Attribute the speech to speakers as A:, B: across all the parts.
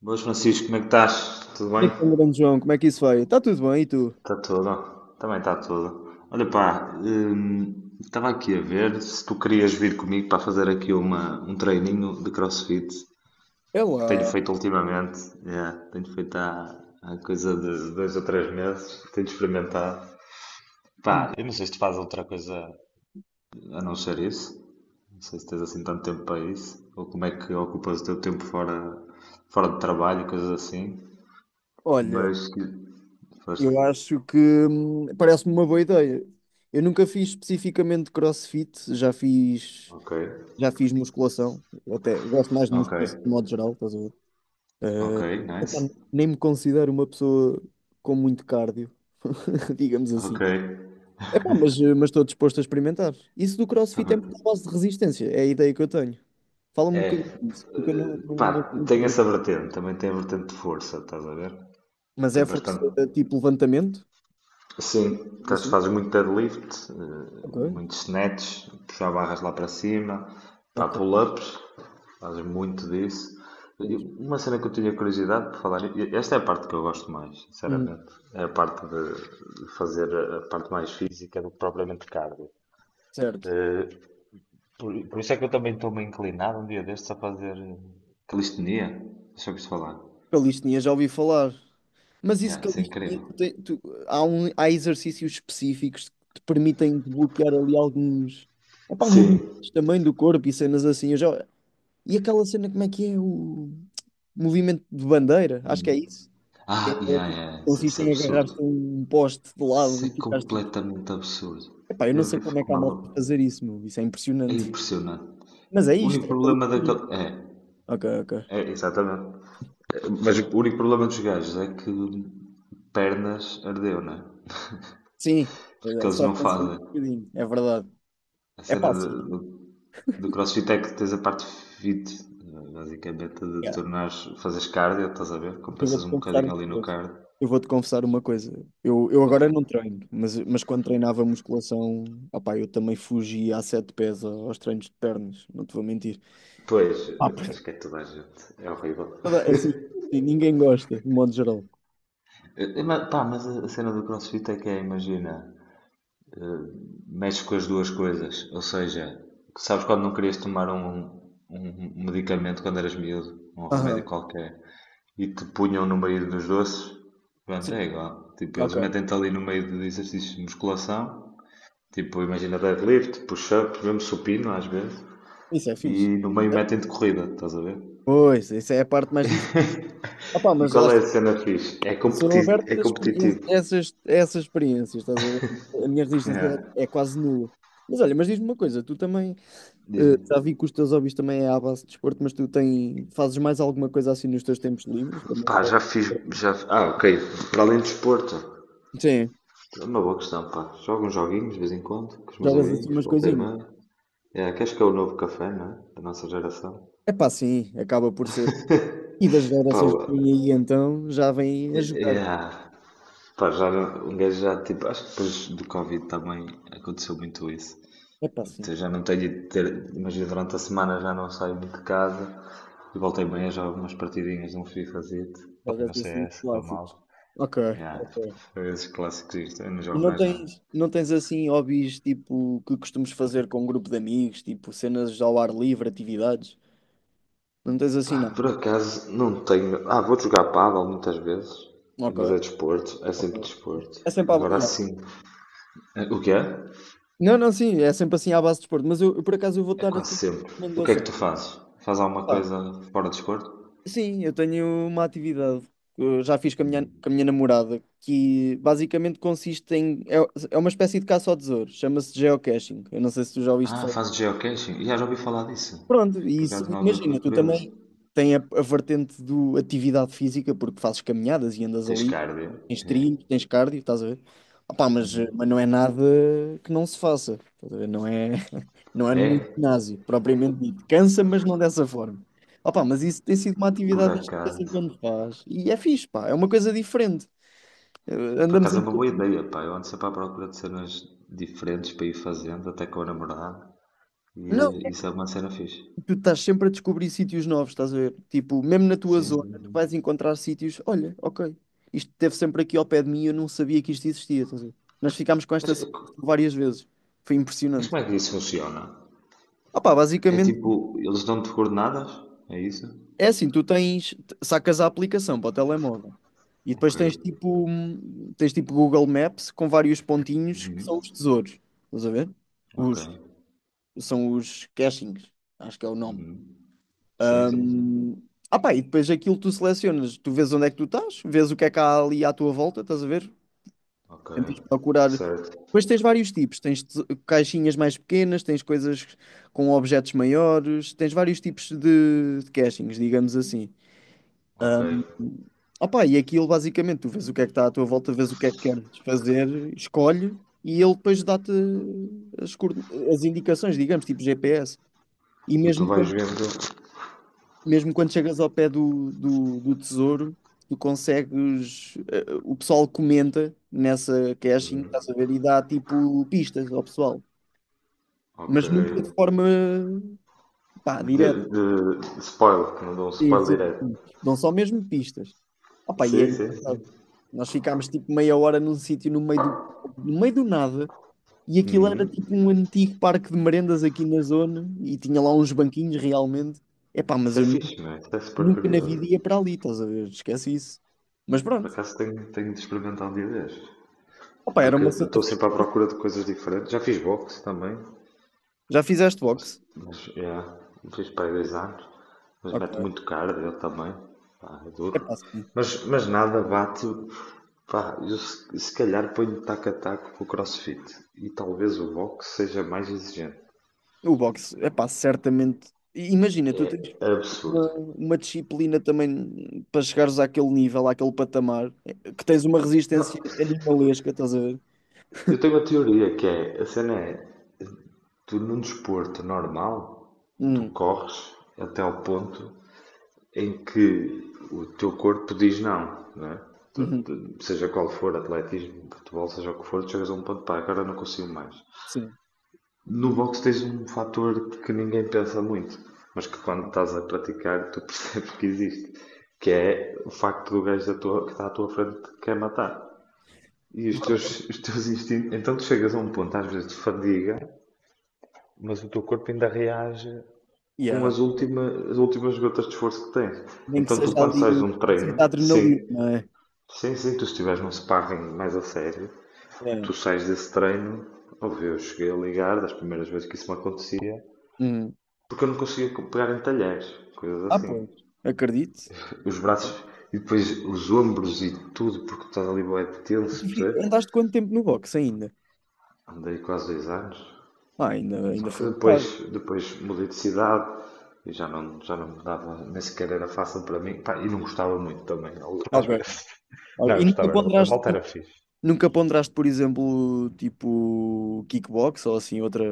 A: Boas, Francisco, como é que estás? Tudo bem?
B: Então, grande João, como é que isso vai? Está tudo bem, e tu?
A: Está tudo? Também está tudo. Olha, pá, estava aqui a ver se tu querias vir comigo para fazer aqui um treininho de CrossFit
B: É
A: que tenho
B: lá.
A: feito ultimamente. É, tenho feito há coisa de 2 ou 3 meses, tenho experimentado.
B: Hum.
A: Pá, eu não sei se tu fazes outra coisa a não ser isso. Não sei se tens assim tanto tempo para isso, ou como é que ocupas o teu tempo fora de trabalho, coisas assim.
B: Olha,
A: Mas que. Força.
B: eu acho que parece-me uma boa ideia. Eu nunca fiz especificamente CrossFit,
A: Ok.
B: já fiz musculação, até gosto mais de
A: Ok,
B: musculação de modo geral, estás a ver? Eh,
A: ok,
B: epá,
A: nice.
B: nem me considero uma pessoa com muito cardio, digamos
A: Ok,
B: assim. Epá, mas mas estou disposto a experimentar. Isso do CrossFit é muito
A: também.
B: à base de resistência, é a ideia que eu tenho. Fala-me um
A: É,
B: bocadinho disso, porque eu
A: pá, tem
B: não...
A: essa vertente, também tem a vertente de força, estás a ver?
B: Mas
A: Tem
B: é força
A: bastante.
B: tipo levantamento?
A: Sim,
B: Tipo assim?
A: fazes muito deadlift,
B: Ok,
A: muito snatch, puxar barras lá para cima, pá,
B: ok.
A: pull-ups, fazes muito disso. E uma cena que eu tinha curiosidade por falar, e esta é a parte que eu gosto mais,
B: Hum,
A: sinceramente, é a parte de fazer a parte mais física do que propriamente cardio.
B: certo.
A: Eh, por isso é que eu também estou meio inclinado um dia destes a fazer calistenia. Deixa eu ouvir falar.
B: Calistenia já ouvi falar. Mas isso
A: Yeah, isso é
B: calistenia,
A: incrível.
B: há exercícios específicos que te permitem desbloquear ali alguns epá,
A: Sim.
B: movimentos também do corpo e cenas assim. Eu já... E aquela cena, como é que é o movimento de bandeira? Acho que é isso. Que
A: Ah,
B: É
A: yeah,
B: tipo,
A: yeah, isso,
B: consiste
A: isso é
B: em agarrar-te a
A: absurdo.
B: um poste de lado
A: Isso
B: e
A: é
B: ficares tipo.
A: completamente absurdo.
B: Epá, eu não
A: Eu
B: sei
A: eu
B: como é
A: fico
B: que há mal de
A: maluco.
B: fazer isso, meu. Isso é
A: É
B: impressionante.
A: impressionante.
B: Mas é
A: O
B: isto.
A: único
B: É
A: problema
B: calistenia.
A: daquele.
B: Ok, ok.
A: É, é, exatamente. É, mas o único problema dos gajos é que pernas ardeu, né?
B: Sim,
A: Porque eles
B: só
A: não
B: pressionar
A: fazem.
B: um bocadinho, é verdade.
A: A
B: É
A: cena
B: pá,
A: de,
B: sim,
A: Do CrossFit é que tens a parte fit, basicamente, de
B: cara,
A: tornares, fazes cardio, estás a ver?
B: eu
A: Compensas
B: vou-te
A: um
B: confessar uma
A: bocadinho ali no
B: coisa.
A: cardio.
B: Eu vou-te confessar uma coisa. Eu agora não
A: Então,
B: treino, mas quando treinava musculação, opá, eu também fugia a sete pés aos treinos de pernas, não te vou mentir.
A: pois,
B: Ah, porque...
A: acho que é toda a gente, é horrível.
B: Toda- Assim, sim, ninguém gosta, de modo geral.
A: Mas, pá, a cena do CrossFit é que é, imagina, eh, mexes com as duas coisas, ou seja, sabes quando não querias tomar um, um medicamento quando eras miúdo, um remédio
B: Aham,
A: qualquer, e te punham no meio dos doces, pronto,
B: sim,
A: é igual. Tipo, eles
B: ok.
A: metem-te ali no meio de exercícios de musculação. Tipo, imagina deadlift, push-up, mesmo supino às vezes.
B: Isso é fixe.
A: E no meio metem de corrida, estás a ver?
B: Pois, isso é a parte mais difícil. Opá,
A: E
B: mas
A: qual
B: lá
A: é
B: está.
A: a cena fixe? É,
B: Eu sou
A: competi
B: aberto
A: é
B: a
A: competitivo.
B: a essas experiências, estás a ver? A minha resistência
A: Yeah.
B: é quase nula. Mas olha, mas diz-me uma coisa, tu também,
A: Diz-me.
B: já vi que os teus hobbies também é à base de desporto, mas tu tem, fazes mais alguma coisa assim nos teus tempos livres? Também?
A: Pá, já fiz. Já. Ah, ok. Para além de desporto.
B: Sim,
A: É uma boa questão, pá. Jogo uns joguinhos de vez em quando com os meus
B: jogas assim
A: amigos,
B: umas
A: volta e
B: coisinhas.
A: meia. É, que acho que é o novo café, não é? Da nossa geração.
B: É pá, sim, acaba por ser. E das
A: Pá,
B: gerações que vêm aí então já vêm
A: é,
B: a
A: é,
B: jogar.
A: pá, já um gajo já, tipo, acho que depois do Covid também aconteceu muito isso.
B: É pá, sim,
A: Já não tenho de ter. Imagina, durante a semana já não saio muito de casa e voltei bem a jogar umas partidinhas de um FIFAzito e
B: jogas
A: no
B: assim os
A: CS, estou
B: clássicos.
A: mal.
B: Ok,
A: Yeah.
B: ok.
A: Foi esses clássicos isto, eu não
B: E
A: jogo mais nada.
B: não tens assim hobbies tipo que costumes fazer com um grupo de amigos, tipo cenas ao ar livre, atividades? Não tens assim
A: Pá, por
B: nada?
A: acaso não tenho. Ah, vou jogar pádel muitas vezes,
B: Ok.
A: mas é desporto, é
B: Ok.
A: sempre desporto.
B: É sempre à... ba-
A: Agora
B: yeah.
A: sim. É, o que é?
B: Não, não, sim, é sempre assim à base de desporto, mas por acaso eu vou
A: É
B: dar assim
A: quase
B: uma
A: sempre. O que é que
B: recomendação.
A: tu fazes? Faz alguma
B: Pá,
A: coisa fora de desporto?
B: sim, eu tenho uma atividade que eu já fiz com a minha namorada que basicamente consiste em. É, é uma espécie de caça ao tesouro, chama-se geocaching. Eu não sei se tu já ouviste
A: Ah,
B: falar.
A: fazes geocaching? Já ouvi falar disso.
B: Pronto, e
A: Por
B: isso,
A: acaso na altura
B: imagina,
A: fui
B: tu também.
A: curioso.
B: Tem a vertente do atividade física, porque fazes caminhadas e andas
A: Tens
B: ali,
A: cardio?
B: tens
A: É.
B: trilho, tens cardio, estás a ver? Opá, mas não é nada que não se faça, estás a ver? Não é, não é nenhum
A: É,
B: ginásio, propriamente dito. Cansa, mas não dessa forma. Opá, mas isso tem sido uma
A: por
B: atividade que de vez em
A: acaso.
B: quando faz. E é fixe, pá, é uma coisa diferente. Eh,
A: Por
B: andamos
A: acaso é
B: em...
A: uma boa ideia, pá. Eu ando sempre à procura de cenas diferentes para ir fazendo, até com a namorada. E
B: Não,
A: isso é uma cena fixe.
B: tu estás sempre a descobrir sítios novos, estás a ver? Tipo, mesmo na tua
A: Sim,
B: zona,
A: sim,
B: tu
A: sim.
B: vais encontrar sítios. Olha, ok, isto esteve sempre aqui ao pé de mim, e eu não sabia que isto existia. Estás a ver? Nós ficámos com
A: Mas,
B: esta sensação
A: eh, co-
B: várias vezes. Foi
A: mas,
B: impressionante.
A: como é que isso funciona?
B: Opa,
A: É
B: basicamente
A: tipo, eles dão-te coordenadas? É isso?
B: é assim: tu tens, t- sacas a aplicação para o telemóvel e depois
A: Ok.
B: tens tens tipo Google Maps com vários pontinhos que são os
A: Uhum.
B: tesouros, estás a ver?
A: Ok.
B: Os, são os cachings, acho que é o nome.
A: Uhum. Sim, sim, sim.
B: Ah pá, e depois aquilo tu selecionas, tu vês onde é que tu estás, vês o que é que há ali à tua volta, estás a ver?
A: Ok.
B: Tentas procurar.
A: Certo.
B: Depois tens vários tipos, tens te- caixinhas mais pequenas, tens coisas com objetos maiores, tens vários tipos de cachings, digamos assim.
A: Ok.
B: Ah pá, e aquilo basicamente, tu vês o que é que está à tua volta, vês o que é que queres fazer, escolhe e ele depois dá-te as, coorden- as indicações, digamos, tipo GPS. E
A: E tu vais vendo.
B: mesmo quando chegas ao pé do tesouro, tu consegues. Eh, o pessoal comenta nessa caching, estás
A: Uhum.
B: a ver, e dá tipo pistas ao pessoal,
A: Ok.
B: mas nunca de forma pá,
A: De,
B: direta.
A: de spoiler, que não dão
B: Sim,
A: spoiler
B: sim,
A: direto.
B: sim. Dão só mesmo pistas. Opa, e é
A: Sim, sim, sim.
B: engraçado. Nós ficámos tipo meia hora num sítio no meio do nada. E aquilo era
A: Uhum.
B: tipo um antigo parque de merendas aqui na zona e tinha lá uns banquinhos realmente. Epá, mas
A: Isso é
B: eu
A: fixe, meu. Isso é super
B: nunca na vida
A: curioso.
B: ia para ali, estás a ver? Esquece isso. Mas
A: Por
B: pronto.
A: acaso tenho de experimentar um dia destes.
B: Opa, era
A: Porque
B: uma
A: eu
B: cena.
A: estou sempre à procura de coisas diferentes. Já fiz boxe também.
B: Já fizeste
A: Mas,
B: boxe?
A: mas yeah, fiz para aí 2 anos. Mas mete
B: Ok.
A: muito cardio eu também. Pá, é
B: É pá,
A: duro.
B: sim.
A: Mas nada bate. Pá, eu se calhar ponho taco a taco com o crossfit. E talvez o boxe seja mais exigente.
B: O boxe, é pá, certamente. I- Imagina, tu tens
A: É
B: uma,
A: absurdo.
B: uma disciplina também para chegares àquele nível, àquele patamar, eh, que tens uma resistência
A: Não,
B: animalesca, estás a ver?
A: eu tenho uma teoria que é, a cena é, tu num desporto normal, tu
B: Uhum,
A: corres até ao ponto em que o teu corpo diz não, não é?
B: uhum,
A: Seja qual for, atletismo, futebol, seja o que for, tu chegas a um ponto, pá, agora não consigo mais.
B: sim.
A: No boxe tens um fator que ninguém pensa muito, mas que quando estás a praticar tu percebes que existe, que é o facto do gajo que está à tua frente que quer matar. E os teus instintos. Então tu chegas a um ponto, às vezes, de fadiga, mas o teu corpo ainda reage com
B: Yeah.
A: as últimas gotas de esforço que tens.
B: Nem que
A: Então, tu,
B: seja
A: quando
B: ali,
A: sais
B: nem
A: de um
B: que seja
A: treino,
B: adrenalina,
A: sim,
B: não é?
A: sim, sim, tu se estiveres num sparring mais a sério,
B: É.
A: tu sais desse treino. Ouve, eu cheguei a ligar das primeiras vezes que isso me acontecia,
B: Uhum.
A: porque eu não conseguia pegar em talheres, coisas
B: Ah,
A: assim.
B: pois. Acredito.
A: Os braços e depois os ombros e tudo, porque estás ali bem
B: E tu
A: tenso,
B: fi-
A: percebes?
B: Andaste quanto tempo no boxe ainda?
A: Andei quase 2 anos.
B: Ah,
A: Só
B: ainda
A: que
B: foi um
A: depois,
B: bocado.
A: depois mudei de cidade e já não me dava, nem sequer era fácil para mim. Pá, e não gostava muito também, às
B: Ok.
A: vezes.
B: Ok.
A: Não, eu
B: E
A: gostava, era, a malta era fixe.
B: nunca ponderaste, por exemplo, tipo kickbox ou assim, outra.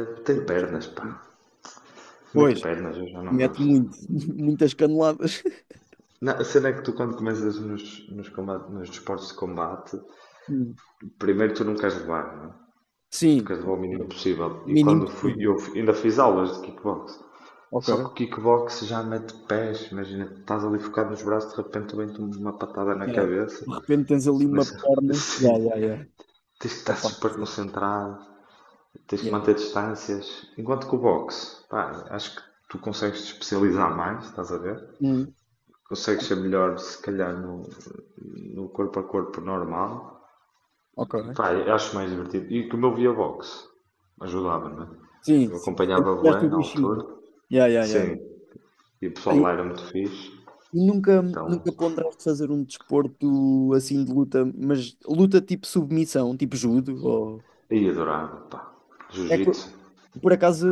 A: Tem
B: Outra postura
A: pernas, pá.
B: assim?
A: Mete
B: Pois,
A: pernas, eu já não
B: mete
A: gosto.
B: muito, muitas caneladas.
A: Não, a cena é que tu quando começas nos desportos de combate,
B: Hum.
A: primeiro tu não queres levar, não é? Tu
B: Sim,
A: queres levar o mínimo possível. E
B: mínimo
A: quando fui,
B: possível.
A: ainda fiz aulas de kickbox. Só que
B: Ok.
A: o kickbox já mete pés, imagina, estás ali focado nos braços, de repente vem-te uma patada na
B: Yeah.
A: cabeça.
B: De repente tens ali uma perna.
A: Sim.
B: Yeah, yeah, yeah.
A: Tens que estar
B: Epá,
A: super
B: sim.
A: concentrado, tens que
B: Yeah.
A: manter distâncias. Enquanto que o boxe, pá, acho que tu consegues te especializar mais, estás a ver?
B: Hum.
A: Consegues ser melhor, se calhar, no corpo a corpo normal.
B: Ok.
A: E pá, eu acho mais divertido. E como eu via boxe, ajudava, não é?
B: Sim,
A: Eu
B: sim. Sempre
A: acompanhava a
B: tiveste
A: bué
B: o
A: na
B: bichinho.
A: altura.
B: Yeah, yeah,
A: Sim.
B: yeah.
A: E o pessoal
B: Olha,
A: lá era muito fixe.
B: e nunca
A: Então,
B: ponderaste fazer um desporto assim de luta, mas luta tipo submissão, tipo judo, ou...
A: e adorava, pá.
B: É que,
A: Jiu-jitsu.
B: por acaso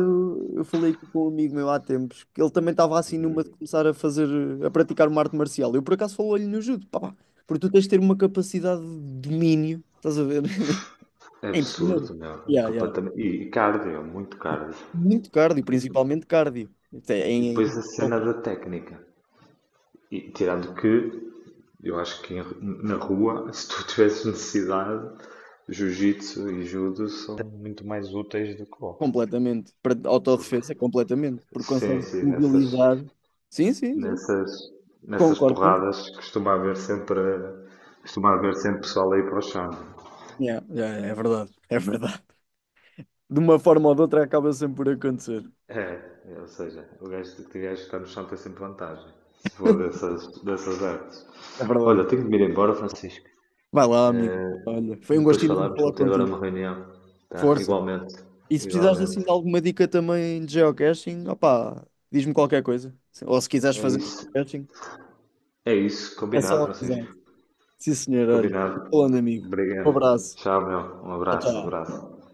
B: eu falei aqui com um amigo meu há tempos, que ele também estava assim numa de começar a fazer, a praticar uma arte marcial. Eu por acaso falei-lhe no judo, porque tu tens de ter uma capacidade de domínio, estás a ver?
A: É
B: É impressionante.
A: absurdo, meu. É
B: Yeah, yeah.
A: completamente. E cardio, muito cardio.
B: Muito cardio, principalmente cardio. Isto
A: E
B: é
A: depois a cena
B: opa.
A: da técnica. E tirando que, eu acho que na rua, se tu tivesses necessidade, jiu-jitsu e judo são muito mais úteis do que boxe.
B: Completamente. Para
A: Porque,
B: autodefesa, completamente. Porque
A: sim,
B: consegue
A: sim,
B: mobilizar. Sim, sim, sim.
A: nessas, nessas
B: Concordo contigo.
A: porradas costuma haver sempre pessoal aí para o chão.
B: Yeah, yeah, é verdade, é verdade. De uma forma ou de outra acaba sempre por acontecer.
A: É, ou seja, o gajo que tiver que está no chão tem sempre vantagem, se for dessas artes.
B: É
A: Olha,
B: verdade.
A: tenho de me ir embora, Francisco.
B: Vai lá, amigo.
A: Eh,
B: Olha, foi um
A: Depois
B: gostinho de
A: falamos, vou
B: falar
A: ter agora
B: contigo.
A: uma reunião. Tá?
B: Força.
A: Igualmente,
B: E se precisares assim
A: igualmente.
B: de alguma dica também de geocaching, opá, diz-me qualquer coisa. Ou se quiseres
A: É
B: fazer
A: isso.
B: geocaching,
A: É isso.
B: é
A: Combinado,
B: só avisar.
A: Francisco.
B: Sim, senhor, olha.
A: Combinado.
B: Falando, amigo. Um
A: Obrigado.
B: abraço.
A: Tchau, meu. Um
B: Tchau,
A: abraço, um
B: tchau.
A: abraço.